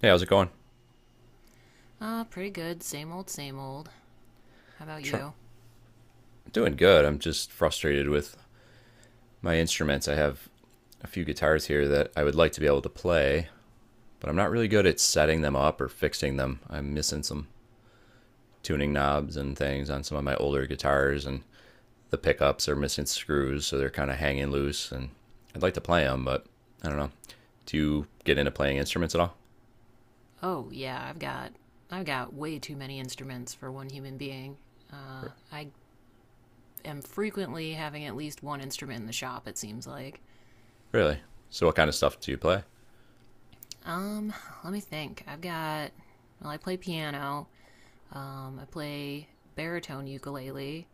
Hey, how's it going? Pretty good. Same old, same old. How about Try- you? Doing good. I'm just frustrated with my instruments. I have a few guitars here that I would like to be able to play, but I'm not really good at setting them up or fixing them. I'm missing some tuning knobs and things on some of my older guitars, and the pickups are missing screws, so they're kind of hanging loose. And I'd like to play them, but I don't know. Do you get into playing instruments at all? Oh, yeah, I've got way too many instruments for one human being. R- I am frequently having at least one instrument in the shop, it seems like. Really? So, what kind of stuff do you play? Um, Let me think. I've got. Well, I play piano. I play baritone ukulele,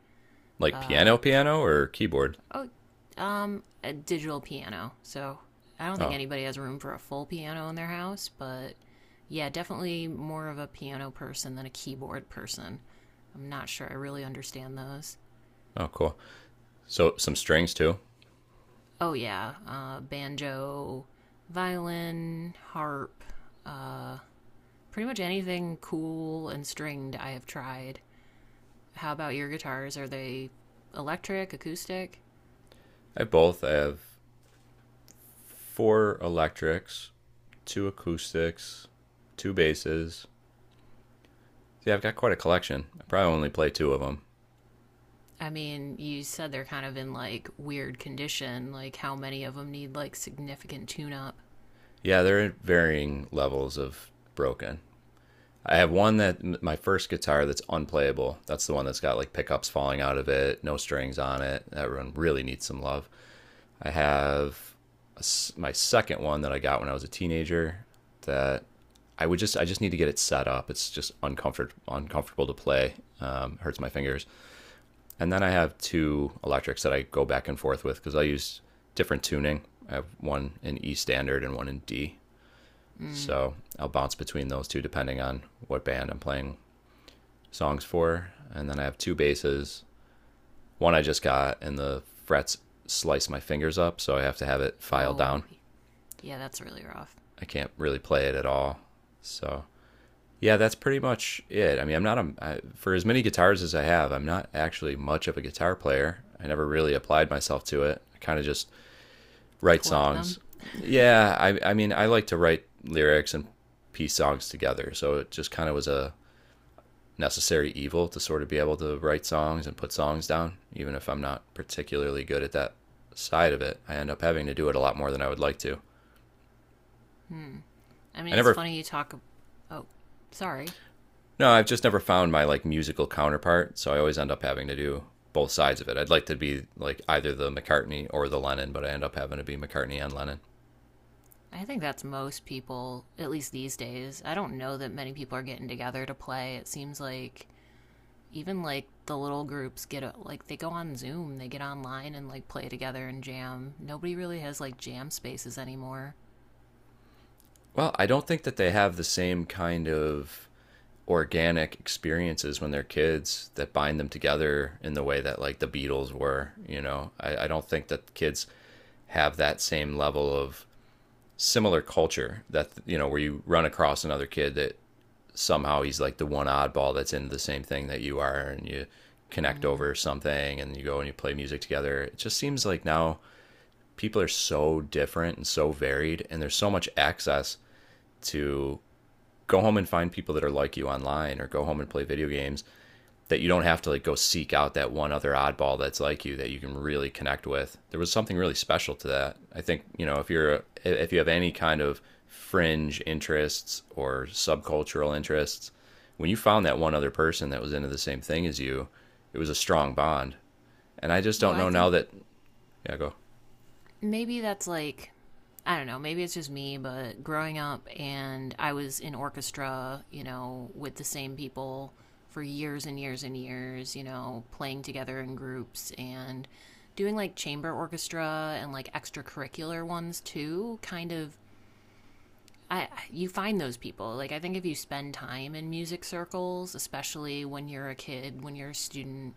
Like piano, uh, piano, or keyboard? Oh, a digital piano. So I don't think Oh, anybody has room for a full piano in their house, but yeah, definitely more of a piano person than a keyboard person. I'm not sure I really understand those. oh, cool. So, some strings too? Oh, yeah, banjo, violin, harp, uh, pretty much anything cool and stringed I have tried. How about your guitars? Are they electric, acoustic? I have both. I have four electrics, two acoustics, two basses. Yeah, I've got quite a collection. I probably only play two of them. I mean, you said they're kind of in like weird condition. Like, how many of them need like significant tune up? Yeah, they're at varying levels of broken. I have one that my first guitar that's unplayable. That's the one that's got like pickups falling out of it, no strings on it. That one really needs some love. I have a s my second one that I got when I was a teenager that I just need to get it set up. It's just uncomfortable to play. Hurts my fingers. And then I have two electrics that I go back and forth with because I use different tuning. I have one in E standard and one in D. Mm. So I'll bounce between those two depending on what band I'm playing songs for. And then I have two basses. One I just got, and the frets slice my fingers up, so I have to have it filed Oh, down. yeah, that's really rough. I can't really play it at all. So yeah, that's pretty much it. I mean, I'm not a I, for as many guitars as I have, I'm not actually much of a guitar player. I never really applied myself to it. I kind of just write Collect them? songs. Yeah, I mean, I like to write lyrics and piece songs together. So it just kind of was a necessary evil to sort of be able to write songs and put songs down, even if I'm not particularly good at that side of it. I end up having to do it a lot more than I would like to. Hmm. I I mean, it's never funny you talk. Oh, sorry. No, I've just never found my like musical counterpart, so I always end up having to do both sides of it. I'd like to be like either the McCartney or the Lennon, but I end up having to be McCartney and Lennon. I think that's most people, at least these days. I don't know that many people are getting together to play. It seems like even like the little groups like they go on Zoom, they get online and like play together and jam. Nobody really has like jam spaces anymore. Well, I don't think that they have the same kind of organic experiences when they're kids that bind them together in the way that like the Beatles were, you know. I don't think that kids have that same level of similar culture that you know where you run across another kid that somehow he's like the one oddball that's into the same thing that you are and you connect Mm. over something and you go and you play music together. It just seems like now people are so different and so varied and there's so much access to go home and find people that are like you online or go home and play video games that you don't have to like go seek out that one other oddball that's like you that you can really connect with. There was something really special to that. I think, if you're if you have any kind of fringe interests or subcultural interests, when you found that one other person that was into the same thing as you, it was a strong bond. And I just Well, don't I know now think that yeah, go. maybe that's like, I don't know, maybe it's just me, but growing up and I was in orchestra, you know, with the same people for years and years and years, you know, playing together in groups and doing like chamber orchestra and like extracurricular ones too, you find those people. Like, I think if you spend time in music circles, especially when you're a kid, when you're a student,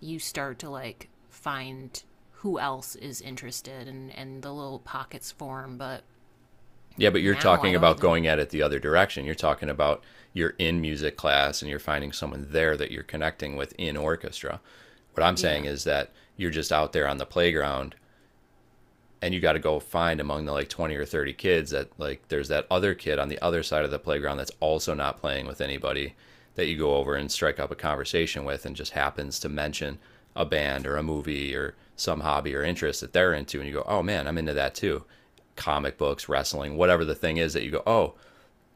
you start to like find who else is interested and the little pockets form. But Yeah, but you're now I talking don't about even, going at it the other direction. You're talking about You're in music class and you're finding someone there that you're connecting with in orchestra. What I'm saying yeah, is that you're just out there on the playground and you got to go find among the like 20 or 30 kids that like there's that other kid on the other side of the playground that's also not playing with anybody that you go over and strike up a conversation with and just happens to mention a band or a movie or some hobby or interest that they're into, and you go, oh man, I'm into that too, comic books, wrestling, whatever the thing is that you go, oh,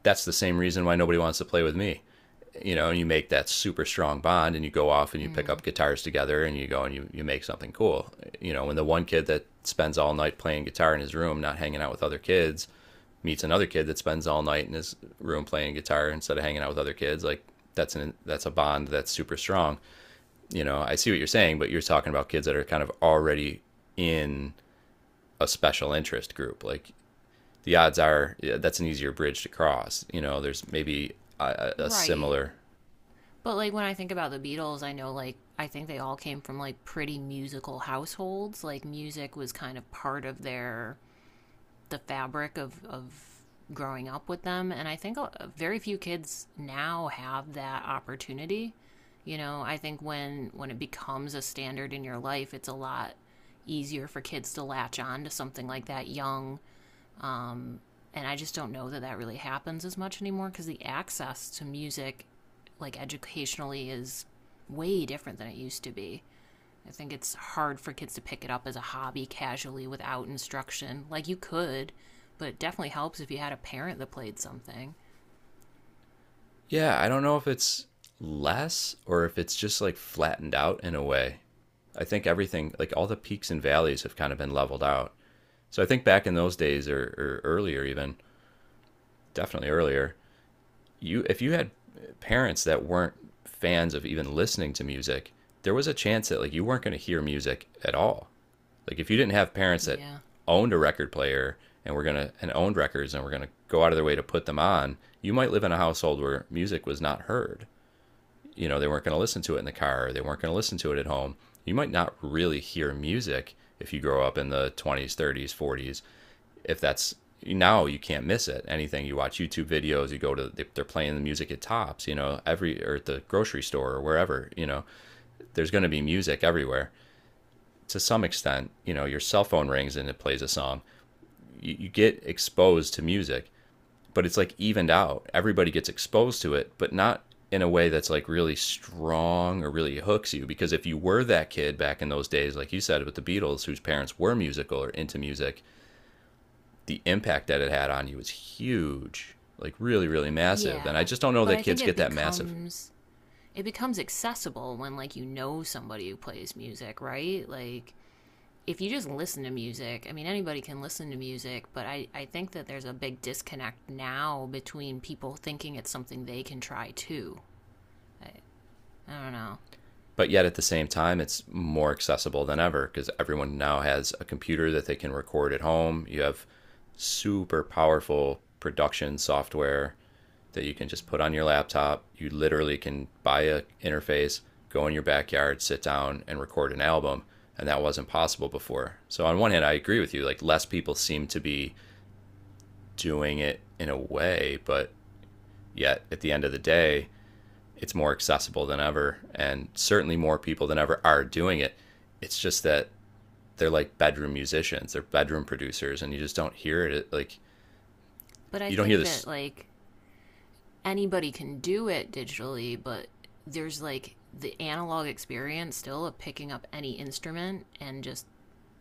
that's the same reason why nobody wants to play with me. You know, you make that super strong bond and you go off and you pick up mm, guitars together and you go and you make something cool. You know, when the one kid that spends all night playing guitar in his room, not hanging out with other kids, meets another kid that spends all night in his room playing guitar instead of hanging out with other kids, like that's a bond that's super strong. You know, I see what you're saying, but you're talking about kids that are kind of already in a special interest group. Like the odds are yeah, that's an easier bridge to cross. You know, there's maybe a right. similar But like, when I think about the Beatles, I know, like, I think they all came from like pretty musical households. Like, music was kind of part of their, the fabric of growing up with them. And I think very few kids now have that opportunity. You know, I think when it becomes a standard in your life, it's a lot easier for kids to latch on to something like that young. And I just don't know that that really happens as much anymore because the access to music, like educationally, is way different than it used to be. I think it's hard for kids to pick it up as a hobby casually without instruction. Like you could, but it definitely helps if you had a parent that played something. yeah, I don't know if it's less or if it's just like flattened out in a way. I think everything, like all the peaks and valleys, have kind of been leveled out. So I think back in those days, or earlier even, definitely earlier, you if you had parents that weren't fans of even listening to music, there was a chance that like you weren't going to hear music at all. Like if you didn't have parents that Yeah. owned a record player and owned records and were gonna go out of their way to put them on, you might live in a household where music was not heard, you know, they weren't going to listen to it in the car, or they weren't going to listen to it at home. You might not really hear music if you grow up in the 20s, 30s, 40s. If that's now, you can't miss it. Anything you watch YouTube videos, you go to are playing the music at tops, you know, every or at the grocery store or wherever, you know. There's going to be music everywhere. To some extent, you know, your cell phone rings and it plays a song. You get exposed to music but it's like evened out. Everybody gets exposed to it, but not in a way that's like really strong or really hooks you. Because if you were that kid back in those days, like you said with the Beatles, whose parents were musical or into music, the impact that it had on you was huge, like really, really massive. Yeah. And I just don't know But that I think kids it get that massive. becomes it becomes accessible when like you know somebody who plays music, right? Like if you just listen to music, I mean anybody can listen to music, but I think that there's a big disconnect now between people thinking it's something they can try too. I, I don't know. But yet at the same time, it's more accessible than ever because everyone now has a computer that they can record at home. You have super powerful production software that you can just put on your laptop. You literally can buy a interface, go in your backyard, sit down and record an album, and that wasn't possible before. So on one hand, I agree with you, like less people seem to be doing it in a way, but yet at the end of the day, it's more accessible than ever and certainly more people than ever are doing it. It's just that they're like bedroom musicians, they're bedroom producers and But I you don't hear think this. that like anybody can do it digitally, but there's like the analog experience still of picking up any instrument and just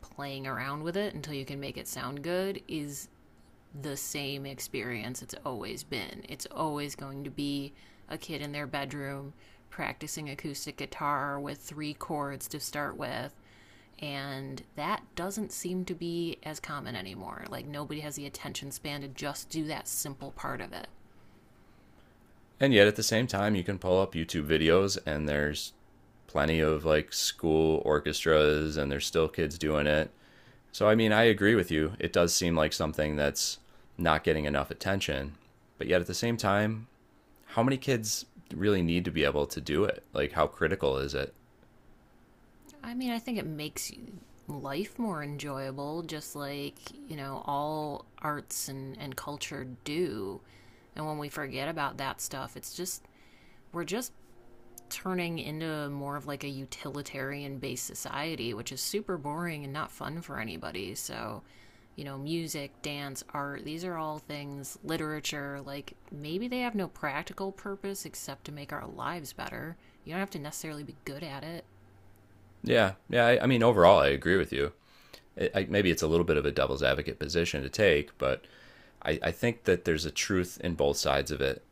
playing around with it until you can make it sound good is the same experience it's always been. It's always going to be a kid in their bedroom practicing acoustic guitar with three chords to start with. And that doesn't seem to be as common anymore. Like, nobody has the attention span to just do that simple part of it. And yet at the same time, you can pull up YouTube videos and there's plenty of like school orchestras and there's still kids doing it. So I mean, I agree with you. It does seem like something that's not getting enough attention. But yet at the same time, how many kids really need to be able to do it? Like how critical is it? I mean, I think it makes life more enjoyable, just like, you know, all arts and culture do. And when we forget about that stuff, it's just, we're just turning into more of like a utilitarian based society, which is super boring and not fun for anybody. So, you know, music, dance, art, these are all things, literature, like maybe they have no practical purpose except to make our lives better. You don't have to necessarily be good at it. Yeah. Yeah, I mean overall I agree with you. Maybe it's a little bit of a devil's advocate position to take, but I think that there's a truth in both sides of it.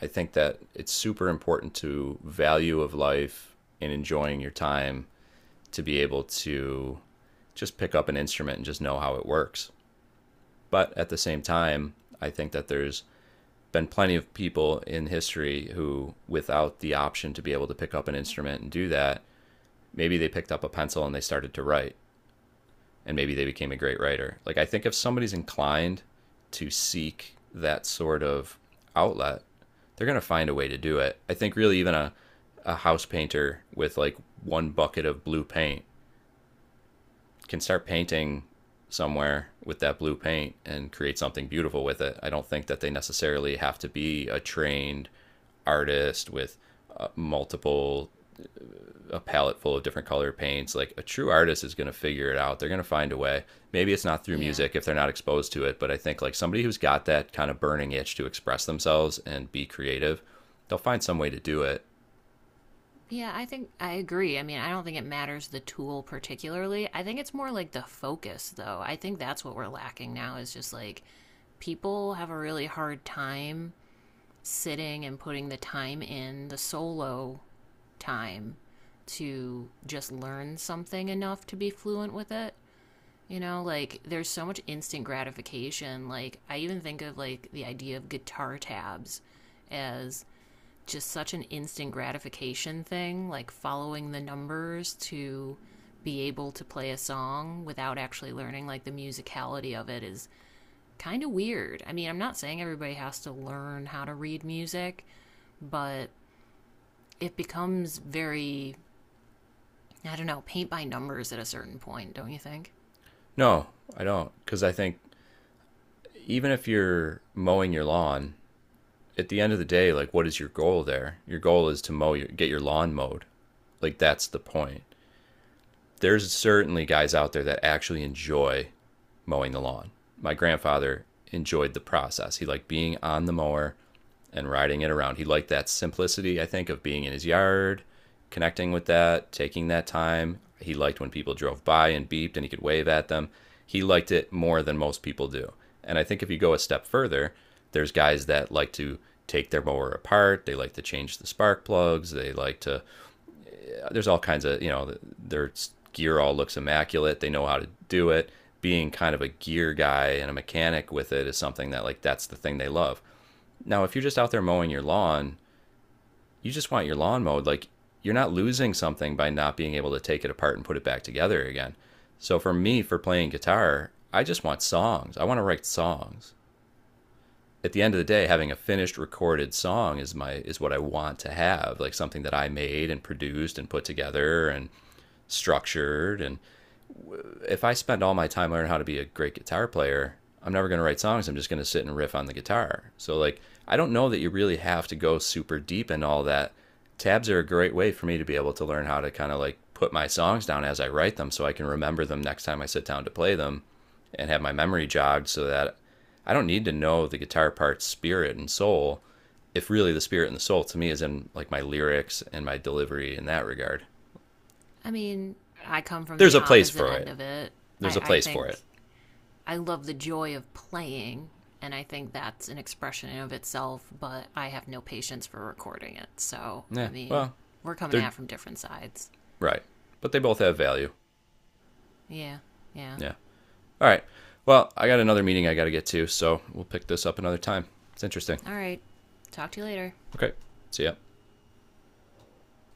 I think that it's super important to value of life and enjoying your time to be able to just pick up an instrument and just know how it works. But at the same time, I think that there's been plenty of people in history who, without the option to be able to pick up an instrument and do that, maybe they picked up a pencil and they started to write and maybe they became a great writer. Like I think if somebody's inclined to seek that sort of outlet, they're gonna find a way to do it. I think really even a house painter with like one bucket of blue paint can start painting somewhere with that blue paint and create something beautiful with it. I don't think that they necessarily have to be a trained artist with multiple a palette full of different color paints. Like a true artist is going to figure it out. They're going to find a way. Maybe it's not through Yeah. music if they're not exposed to it, but I think like somebody who's got that kind of burning itch to express themselves and be creative, they'll find some way to do it. Yeah, I think I agree. I mean, I don't think it matters the tool particularly. I think it's more like the focus, though. I think that's what we're lacking now is just like people have a really hard time sitting and putting the time in, the solo time to just learn something enough to be fluent with it. You know, like there's so much instant gratification. Like, I even think of like the idea of guitar tabs as just such an instant gratification thing, like following the numbers to be able to play a song without actually learning like the musicality of it is kind of weird. I mean, I'm not saying everybody has to learn how to read music, but it becomes very, I don't know, paint by numbers at a certain point, don't you think? No, I don't. Because I think even if you're mowing your lawn, at the end of the day, like what is your goal there? Your goal is to get your lawn mowed. Like that's the point. There's certainly guys out there that actually enjoy mowing the lawn. My grandfather enjoyed the process. He liked being on the mower and riding it around. He liked that simplicity, I think, of being in his yard, connecting with that, taking that time. He liked when people drove by and beeped and he could wave at them. He liked it more than most people do. And I think if you go a step further, there's guys that like to take their mower apart. They like to change the spark plugs. They like to there's all kinds of you know their gear all looks immaculate. They know how to do it. Being kind of a gear guy and a mechanic with it is something that like that's the thing they love. Now, if you're just out there mowing your lawn, you just want your lawn mowed. Like you're not losing something by not being able to take it apart and put it back together again. So for me, for playing guitar, I just want songs. I want to write songs. At the end of the day, having a finished recorded song is what I want to have, like something that I made and produced and put together and structured. And if I spend all my time learning how to be a great guitar player, I'm never going to write songs. I'm just going to sit and riff on the guitar. So, like, I don't know that you really have to go super deep in all that. Tabs are a great way for me to be able to learn how to kind of like put my songs down as I write them so I can remember them next time I sit down to play them and have my memory jogged so that I don't need to know the guitar part's spirit and soul if really the spirit and the soul to me is in like my lyrics and my delivery in that regard. I mean, I come from There's the a place opposite for end it. of it. There's a I place for think it. I love the joy of playing, and I think that's an expression in of itself, but I have no patience for recording it. So, I Yeah. mean, Well, we're coming at they're it from different sides. right, but they both have value. Yeah, yeah. Yeah. All right. Well, I got another meeting I got to get to, so we'll pick this up another time. It's interesting. All right. Talk to you later. Okay. See ya.